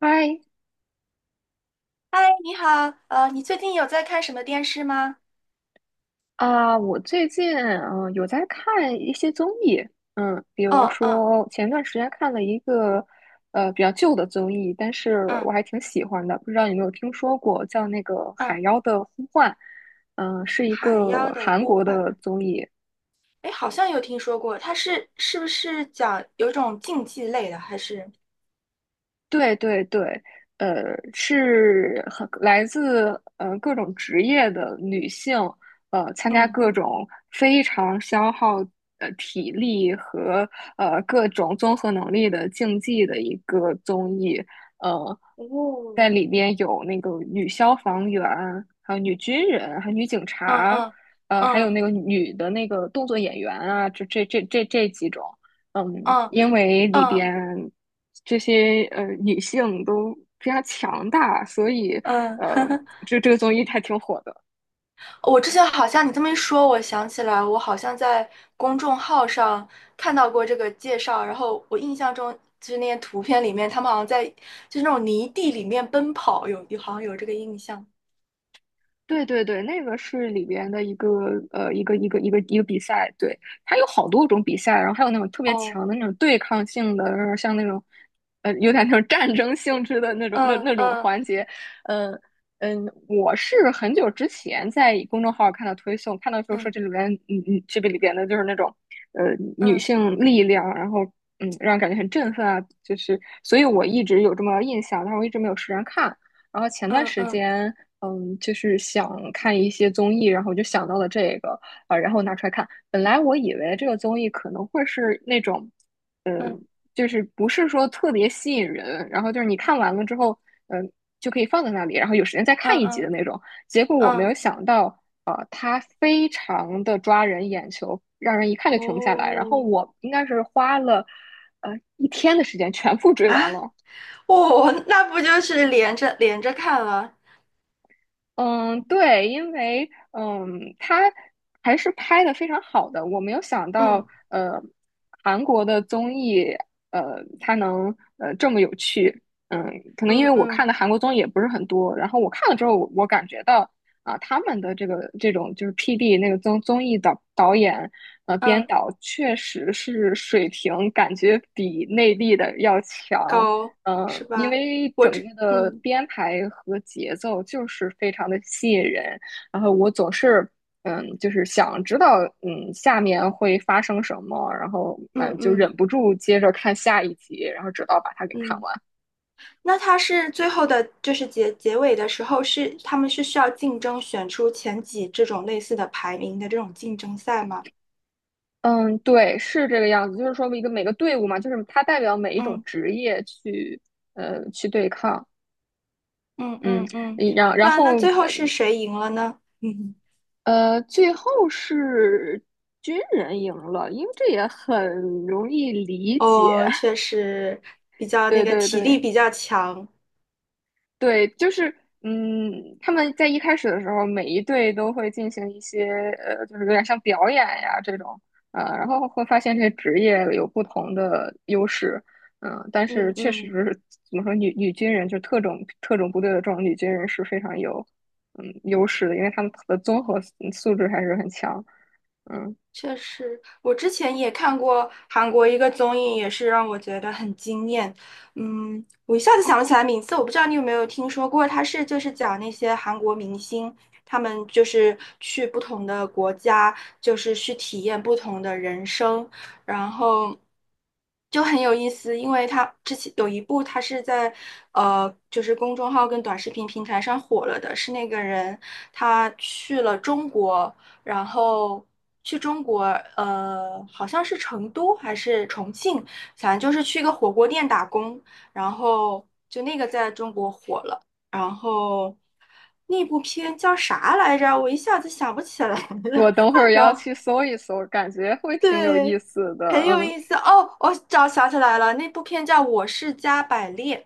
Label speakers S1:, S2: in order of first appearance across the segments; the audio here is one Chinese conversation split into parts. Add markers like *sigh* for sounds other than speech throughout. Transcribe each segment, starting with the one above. S1: 嗨。
S2: 嗨，你好，你最近有在看什么电视吗？
S1: 我最近有在看一些综艺。比如
S2: 哦，嗯
S1: 说前段时间看了一个比较旧的综艺，但是我
S2: 嗯
S1: 还挺喜欢的，不知道你有没有听说过，叫那个
S2: 嗯，
S1: 《海妖的呼唤》，是一
S2: 《海
S1: 个
S2: 妖的
S1: 韩
S2: 呼
S1: 国
S2: 唤》，
S1: 的综艺。
S2: 哎，好像有听说过，它是不是讲有一种竞技类的，还是
S1: 对对对，呃，是很来自各种职业的女性，参加
S2: 嗯
S1: 各种非常消耗体力和各种综合能力的竞技的一个综艺。呃，在
S2: 哦，
S1: 里边有那个女消防员，还有女军人，还有女警
S2: 嗯
S1: 察，
S2: 嗯
S1: 还有那
S2: 嗯
S1: 个女的那个动作演员啊，这几种。嗯，
S2: 嗯
S1: 因为里
S2: 嗯
S1: 边这些女性都非常强大，所以，
S2: 嗯，
S1: 呃，这个综艺还挺火的。
S2: *laughs* 我之前好像你这么一说，我想起来，我好像在公众号上看到过这个介绍，然后我印象中就是那些图片里面，他们好像在就是那种泥地里面奔跑，有好像有这个印象。
S1: 对对对，那个是里边的一个一个比赛，对，它有好多种比赛，然后还有那种特别
S2: 哦，
S1: 强的那种对抗性的，然后像那种有点那种战争性质的那种那
S2: 嗯
S1: 那种
S2: 嗯
S1: 环节。嗯嗯，我是很久之前在公众号儿看到推送，看到就是说
S2: 嗯
S1: 这里边这个里边的就是那种女
S2: 嗯
S1: 性力量，然后嗯让人感觉很振奋啊，就是所以我一直有这么印象，但是我一直没有时间看。然后前段
S2: 嗯
S1: 时
S2: 嗯
S1: 间，就是想看一些综艺，然后我就想到了这个，然后拿出来看。本来我以为这个综艺可能会是那种，
S2: 嗯
S1: 嗯，就是不是说特别吸引人，然后就是你看完了之后，嗯，就可以放在那里，然后有时间再
S2: 嗯
S1: 看一集的
S2: 嗯
S1: 那种。结果我没有
S2: 嗯，
S1: 想到，它非常的抓人眼球，让人一看就停不下来。然后
S2: 哦，
S1: 我应该是花了，呃，一天的时间全部追
S2: 啊，
S1: 完了。
S2: 哦，那不就是连着连着看了？
S1: 嗯，对，因为嗯，他还是拍的非常好的。我没有想到，
S2: 嗯
S1: 韩国的综艺，它能这么有趣。嗯，可能因为
S2: 嗯
S1: 我
S2: 嗯
S1: 看的韩国综艺也不是很多，然后我看了之后，我感觉到啊，他们的这个这种就是 PD 那个综艺导演编
S2: 嗯，
S1: 导，确实是水平感觉比内地的要强。
S2: 高，是
S1: 因
S2: 吧？
S1: 为整个的
S2: 嗯
S1: 编排和节奏就是非常的吸引人，然后我总是嗯，就是想知道嗯下面会发生什么，然后
S2: 嗯
S1: 嗯就
S2: 嗯
S1: 忍不住接着看下一集，然后直到把它给看
S2: 嗯，
S1: 完。
S2: 那它是最后的，就是结尾的时候是他们是需要竞争选出前几这种类似的排名的这种竞争赛吗？
S1: 嗯，对，是这个样子，就是说一个每个队伍嘛，就是它代表每一种
S2: 嗯
S1: 职业去去对抗。
S2: 嗯
S1: 嗯，
S2: 嗯嗯，
S1: 然然
S2: 那
S1: 后
S2: 那最后是谁赢了呢？*laughs*
S1: 最后是军人赢了，因为这也很容易理解。
S2: 哦，确
S1: *laughs*
S2: 实比较那
S1: 对
S2: 个
S1: 对
S2: 体力
S1: 对
S2: 比较强。
S1: 对，就是嗯，他们在一开始的时候，每一队都会进行一些就是有点像表演呀这种，然后会发现这些职业有不同的优势。但是
S2: 嗯
S1: 确实
S2: 嗯。
S1: 是怎么说，女军人就特种部队的这种女军人是非常有嗯优势的，因为他们的综合素质还是很强，嗯。
S2: 确实，我之前也看过韩国一个综艺，也是让我觉得很惊艳。嗯，我一下子想不起来名字，我不知道你有没有听说过，它是就是讲那些韩国明星，他们就是去不同的国家，就是去体验不同的人生，然后就很有意思，因为他之前有一部，他是在就是公众号跟短视频平台上火了的，是那个人他去了中国。然后去中国，好像是成都还是重庆，反正就是去一个火锅店打工，然后就那个在中国火了，然后那部片叫啥来着？我一下子想不起来
S1: 我
S2: 了。
S1: 等会儿
S2: *laughs*
S1: 要
S2: 然后
S1: 去搜一搜，感觉会挺有意
S2: 对，
S1: 思的。
S2: 很有
S1: 嗯，
S2: 意思哦，我找想起来了，那部片叫《我是加百列》。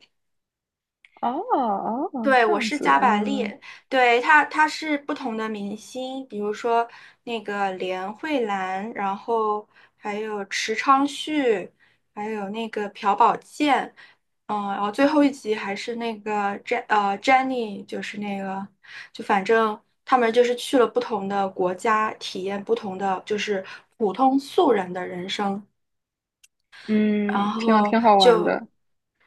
S1: 哦哦，
S2: 对，
S1: 这
S2: 我
S1: 样
S2: 是
S1: 子，
S2: 加百
S1: 嗯
S2: 列，对，他是不同的明星，比如说那个连慧兰，然后还有池昌旭，还有那个朴宝剑，嗯，然后最后一集还是那个 Jenny，就是那个，就反正他们就是去了不同的国家，体验不同的就是普通素人的人生，然
S1: 嗯，挺
S2: 后
S1: 挺好玩
S2: 就。
S1: 的。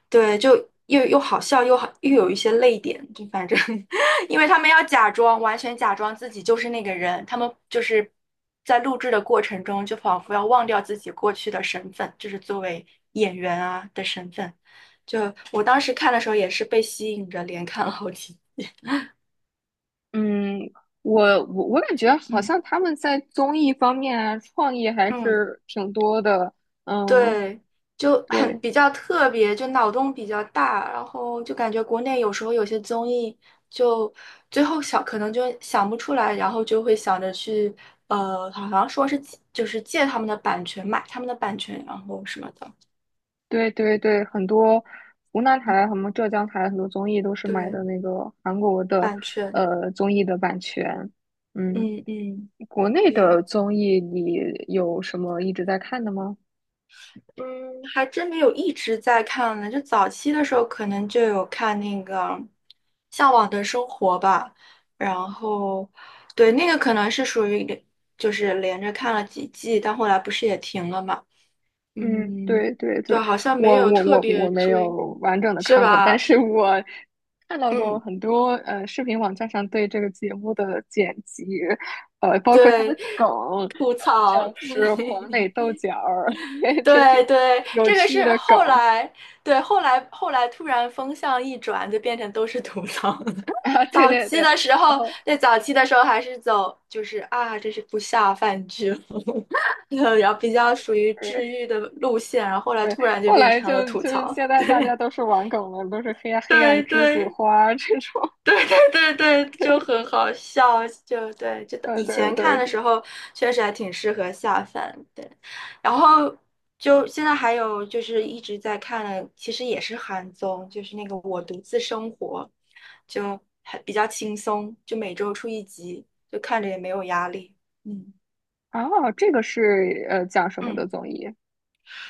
S2: 对，就又好笑又好，又有一些泪点，就反正，*laughs* 因为他们要假装，完全假装自己就是那个人，他们就是在录制的过程中，就仿佛要忘掉自己过去的身份，就是作为演员啊的身份。就我当时看的时候也是被吸引着，连看了好几，
S1: 嗯，我感觉好
S2: 嗯
S1: 像他们在综艺方面啊，创意还
S2: 嗯。
S1: 是挺多的。嗯，
S2: 对，就很
S1: 对
S2: 比较特别，就脑洞比较大，然后就感觉国内有时候有些综艺就最后想可能就想不出来，然后就会想着去好像说是就是借他们的版权，买他们的版权，然后什么的。
S1: 对对对，很多湖南台、什么浙江台很多综艺都是买
S2: 对，
S1: 的那个韩国的
S2: 版权，
S1: 综艺的版权。嗯，
S2: 嗯嗯，
S1: 国内
S2: 对。
S1: 的综艺你有什么一直在看的吗？
S2: 嗯，还真没有一直在看呢。就早期的时候，可能就有看那个《向往的生活》吧，然后对那个可能是属于就是连着看了几季，但后来不是也停了嘛。
S1: 嗯，
S2: 嗯，
S1: 对对
S2: 对，
S1: 对，
S2: 好像
S1: 我
S2: 没有
S1: 我
S2: 特
S1: 我我
S2: 别
S1: 没
S2: 追，
S1: 有完整的
S2: 是
S1: 看过，但
S2: 吧？
S1: 是我看到过
S2: 嗯，
S1: 很多视频网站上对这个节目的剪辑，包括它
S2: 对，
S1: 的梗，
S2: 吐
S1: 像
S2: 槽，
S1: 是黄磊
S2: 对。*laughs*
S1: 豆角儿 *laughs* 这
S2: 对
S1: 种
S2: 对，
S1: 有
S2: 这个
S1: 趣
S2: 是
S1: 的梗
S2: 后来，对，后来突然风向一转，就变成都是吐槽。
S1: 啊。对
S2: 早
S1: 对
S2: 期
S1: 对，
S2: 的时
S1: 然
S2: 候，
S1: 后
S2: 对早期的时候还是走就是啊，这是不下饭剧，*laughs* 然后比较属于治
S1: 对
S2: 愈的路线，然后后来
S1: 对，
S2: 突然就
S1: 后
S2: 变
S1: 来
S2: 成了
S1: 就
S2: 吐
S1: 就是
S2: 槽。
S1: 现在大家
S2: 对
S1: 都是玩梗了，都是黑暗
S2: *laughs*
S1: 黑暗
S2: 对
S1: 栀子
S2: 对，
S1: 花这种，
S2: 对对，就很好笑，就对，就
S1: 对
S2: 以
S1: 对
S2: 前
S1: 对，
S2: 看的时候确实还挺适合下饭，对。然后就现在还有就是一直在看的，其实也是韩综，就是那个《我独自生活》，就还比较轻松，就每周出一集，就看着也没有压力。嗯
S1: 啊，这个是讲什么
S2: 嗯。
S1: 的综艺？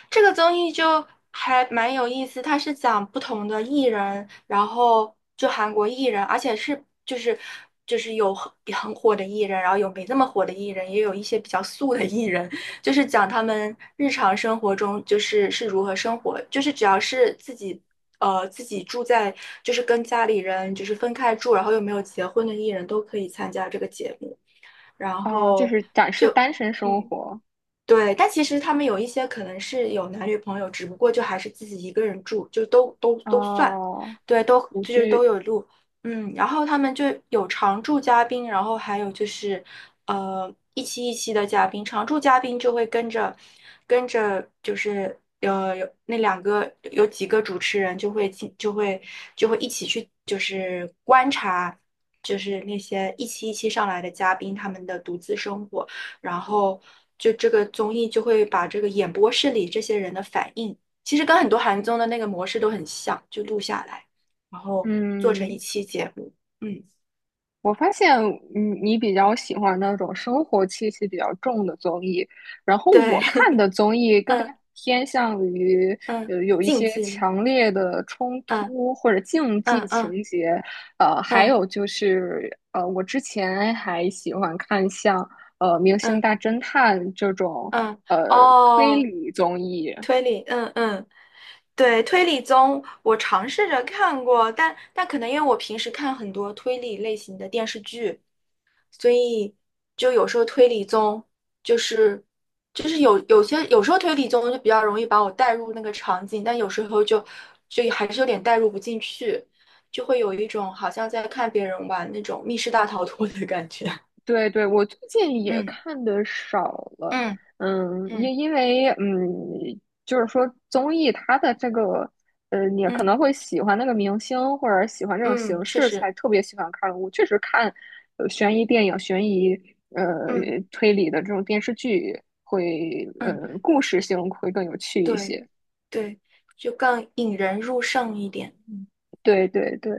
S2: 这个综艺就还蛮有意思，它是讲不同的艺人，然后就韩国艺人，而且是就是有很火的艺人，然后有没那么火的艺人，也有一些比较素的艺人，就是讲他们日常生活中就是如何生活，就是只要是自己。自己住在就是跟家里人就是分开住，然后又没有结婚的艺人都可以参加这个节目，然
S1: 哦，就
S2: 后
S1: 是展示
S2: 就
S1: 单身生
S2: 嗯。
S1: 活。
S2: 对，但其实他们有一些可能是有男女朋友，只不过就还是自己一个人住，就都算，
S1: 哦，
S2: 对，都
S1: 独
S2: 就是
S1: 居。
S2: 都有录，嗯，然后他们就有常驻嘉宾，然后还有就是一期一期的嘉宾，常驻嘉宾就会跟着跟着就是有那两个有几个主持人就会一起去就是观察，就是那些一期一期上来的嘉宾他们的独自生活。然后就这个综艺就会把这个演播室里这些人的反应，其实跟很多韩综的那个模式都很像，就录下来，然后做成一
S1: 嗯，
S2: 期节目。嗯，
S1: 我发现你比较喜欢那种生活气息比较重的综艺，然后
S2: 对，
S1: 我看的综
S2: *laughs*
S1: 艺更加
S2: 嗯
S1: 偏向于
S2: 嗯，
S1: 有一
S2: 竞
S1: 些
S2: 技类，
S1: 强烈的冲
S2: 嗯
S1: 突或者竞
S2: 嗯
S1: 技
S2: 嗯
S1: 情节。还
S2: 嗯
S1: 有就是我之前还喜欢看像《明星
S2: 嗯
S1: 大侦探》这种
S2: 嗯，
S1: 推
S2: 哦，
S1: 理综艺。
S2: 推理，嗯嗯。对，推理综我尝试着看过，但可能因为我平时看很多推理类型的电视剧，所以就有时候推理综就是就是有些有时候推理综就比较容易把我带入那个场景，但有时候就还是有点带入不进去，就会有一种好像在看别人玩那种密室大逃脱的感觉。*laughs*
S1: 对对，我最近也
S2: 嗯
S1: 看的少了。
S2: 嗯
S1: 嗯，因
S2: 嗯
S1: 因为嗯，就是说综艺它的这个，你可
S2: 嗯
S1: 能会喜欢那个明星或者喜欢这种
S2: 嗯，
S1: 形
S2: 确
S1: 式，才
S2: 实，
S1: 特别喜欢看。我确实看悬疑电影、悬疑呃
S2: 嗯
S1: 推理的这种电视剧会，
S2: 嗯，
S1: 故事性会更有趣一
S2: 对
S1: 些。
S2: 对，就更引人入胜一点。
S1: 对对对，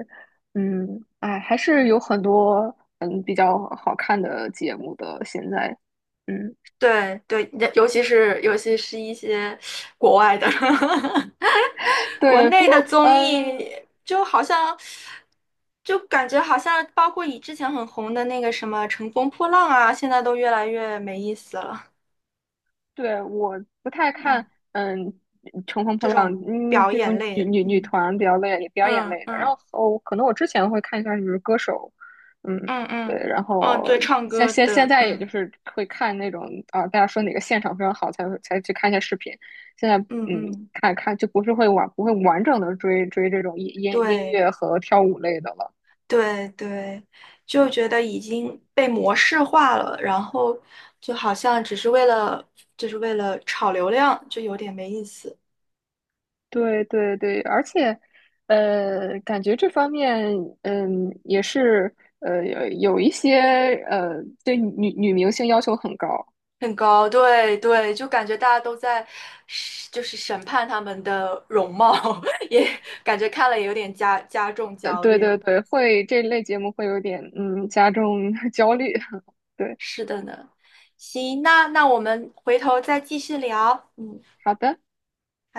S1: 嗯，哎，还是有很多嗯比较好看的节目的，现在，嗯。
S2: 对对，尤其是一些国外的，
S1: *laughs*
S2: *laughs* 国
S1: 对，不
S2: 内
S1: 过，
S2: 的综
S1: 嗯，
S2: 艺就好像，就感觉好像包括以之前很红的那个什么《乘风破浪》啊，现在都越来越没意思了。
S1: 对，我不太
S2: 嗯，
S1: 看，嗯，乘风破
S2: 这
S1: 浪，
S2: 种
S1: 嗯，
S2: 表
S1: 这种
S2: 演类
S1: 女
S2: 的，
S1: 女女
S2: 嗯
S1: 团比较类表演
S2: 嗯
S1: 类的。然
S2: 嗯
S1: 后，哦可能我之前会看一下就是歌手，嗯，
S2: 嗯
S1: 对。
S2: 嗯，
S1: 然
S2: 哦，
S1: 后
S2: 对，唱
S1: 现
S2: 歌
S1: 现现
S2: 的，
S1: 在也就
S2: 嗯
S1: 是会看那种啊，大家说哪个现场非常好才会才去看一下视频。现在，
S2: 嗯
S1: 嗯，
S2: 嗯，
S1: 看看就不是会完不会完整的追这种音音音
S2: 对。
S1: 乐和跳舞类的了。
S2: 对对，就觉得已经被模式化了，然后就好像只是为了，就是为了炒流量，就有点没意思。
S1: 对对对，而且，感觉这方面，嗯，也是，有有一些，对女明星要求很高，
S2: 很高，对对，就感觉大家都在审，就是审判他们的容貌，*laughs* 也感觉看了也有点加重焦
S1: 对
S2: 虑。
S1: 对对，会这类节目会有点，嗯，加重 *laughs* 焦虑，*laughs* 对。
S2: 是的呢，行，那我们回头再继续聊。嗯，
S1: 好的。
S2: 好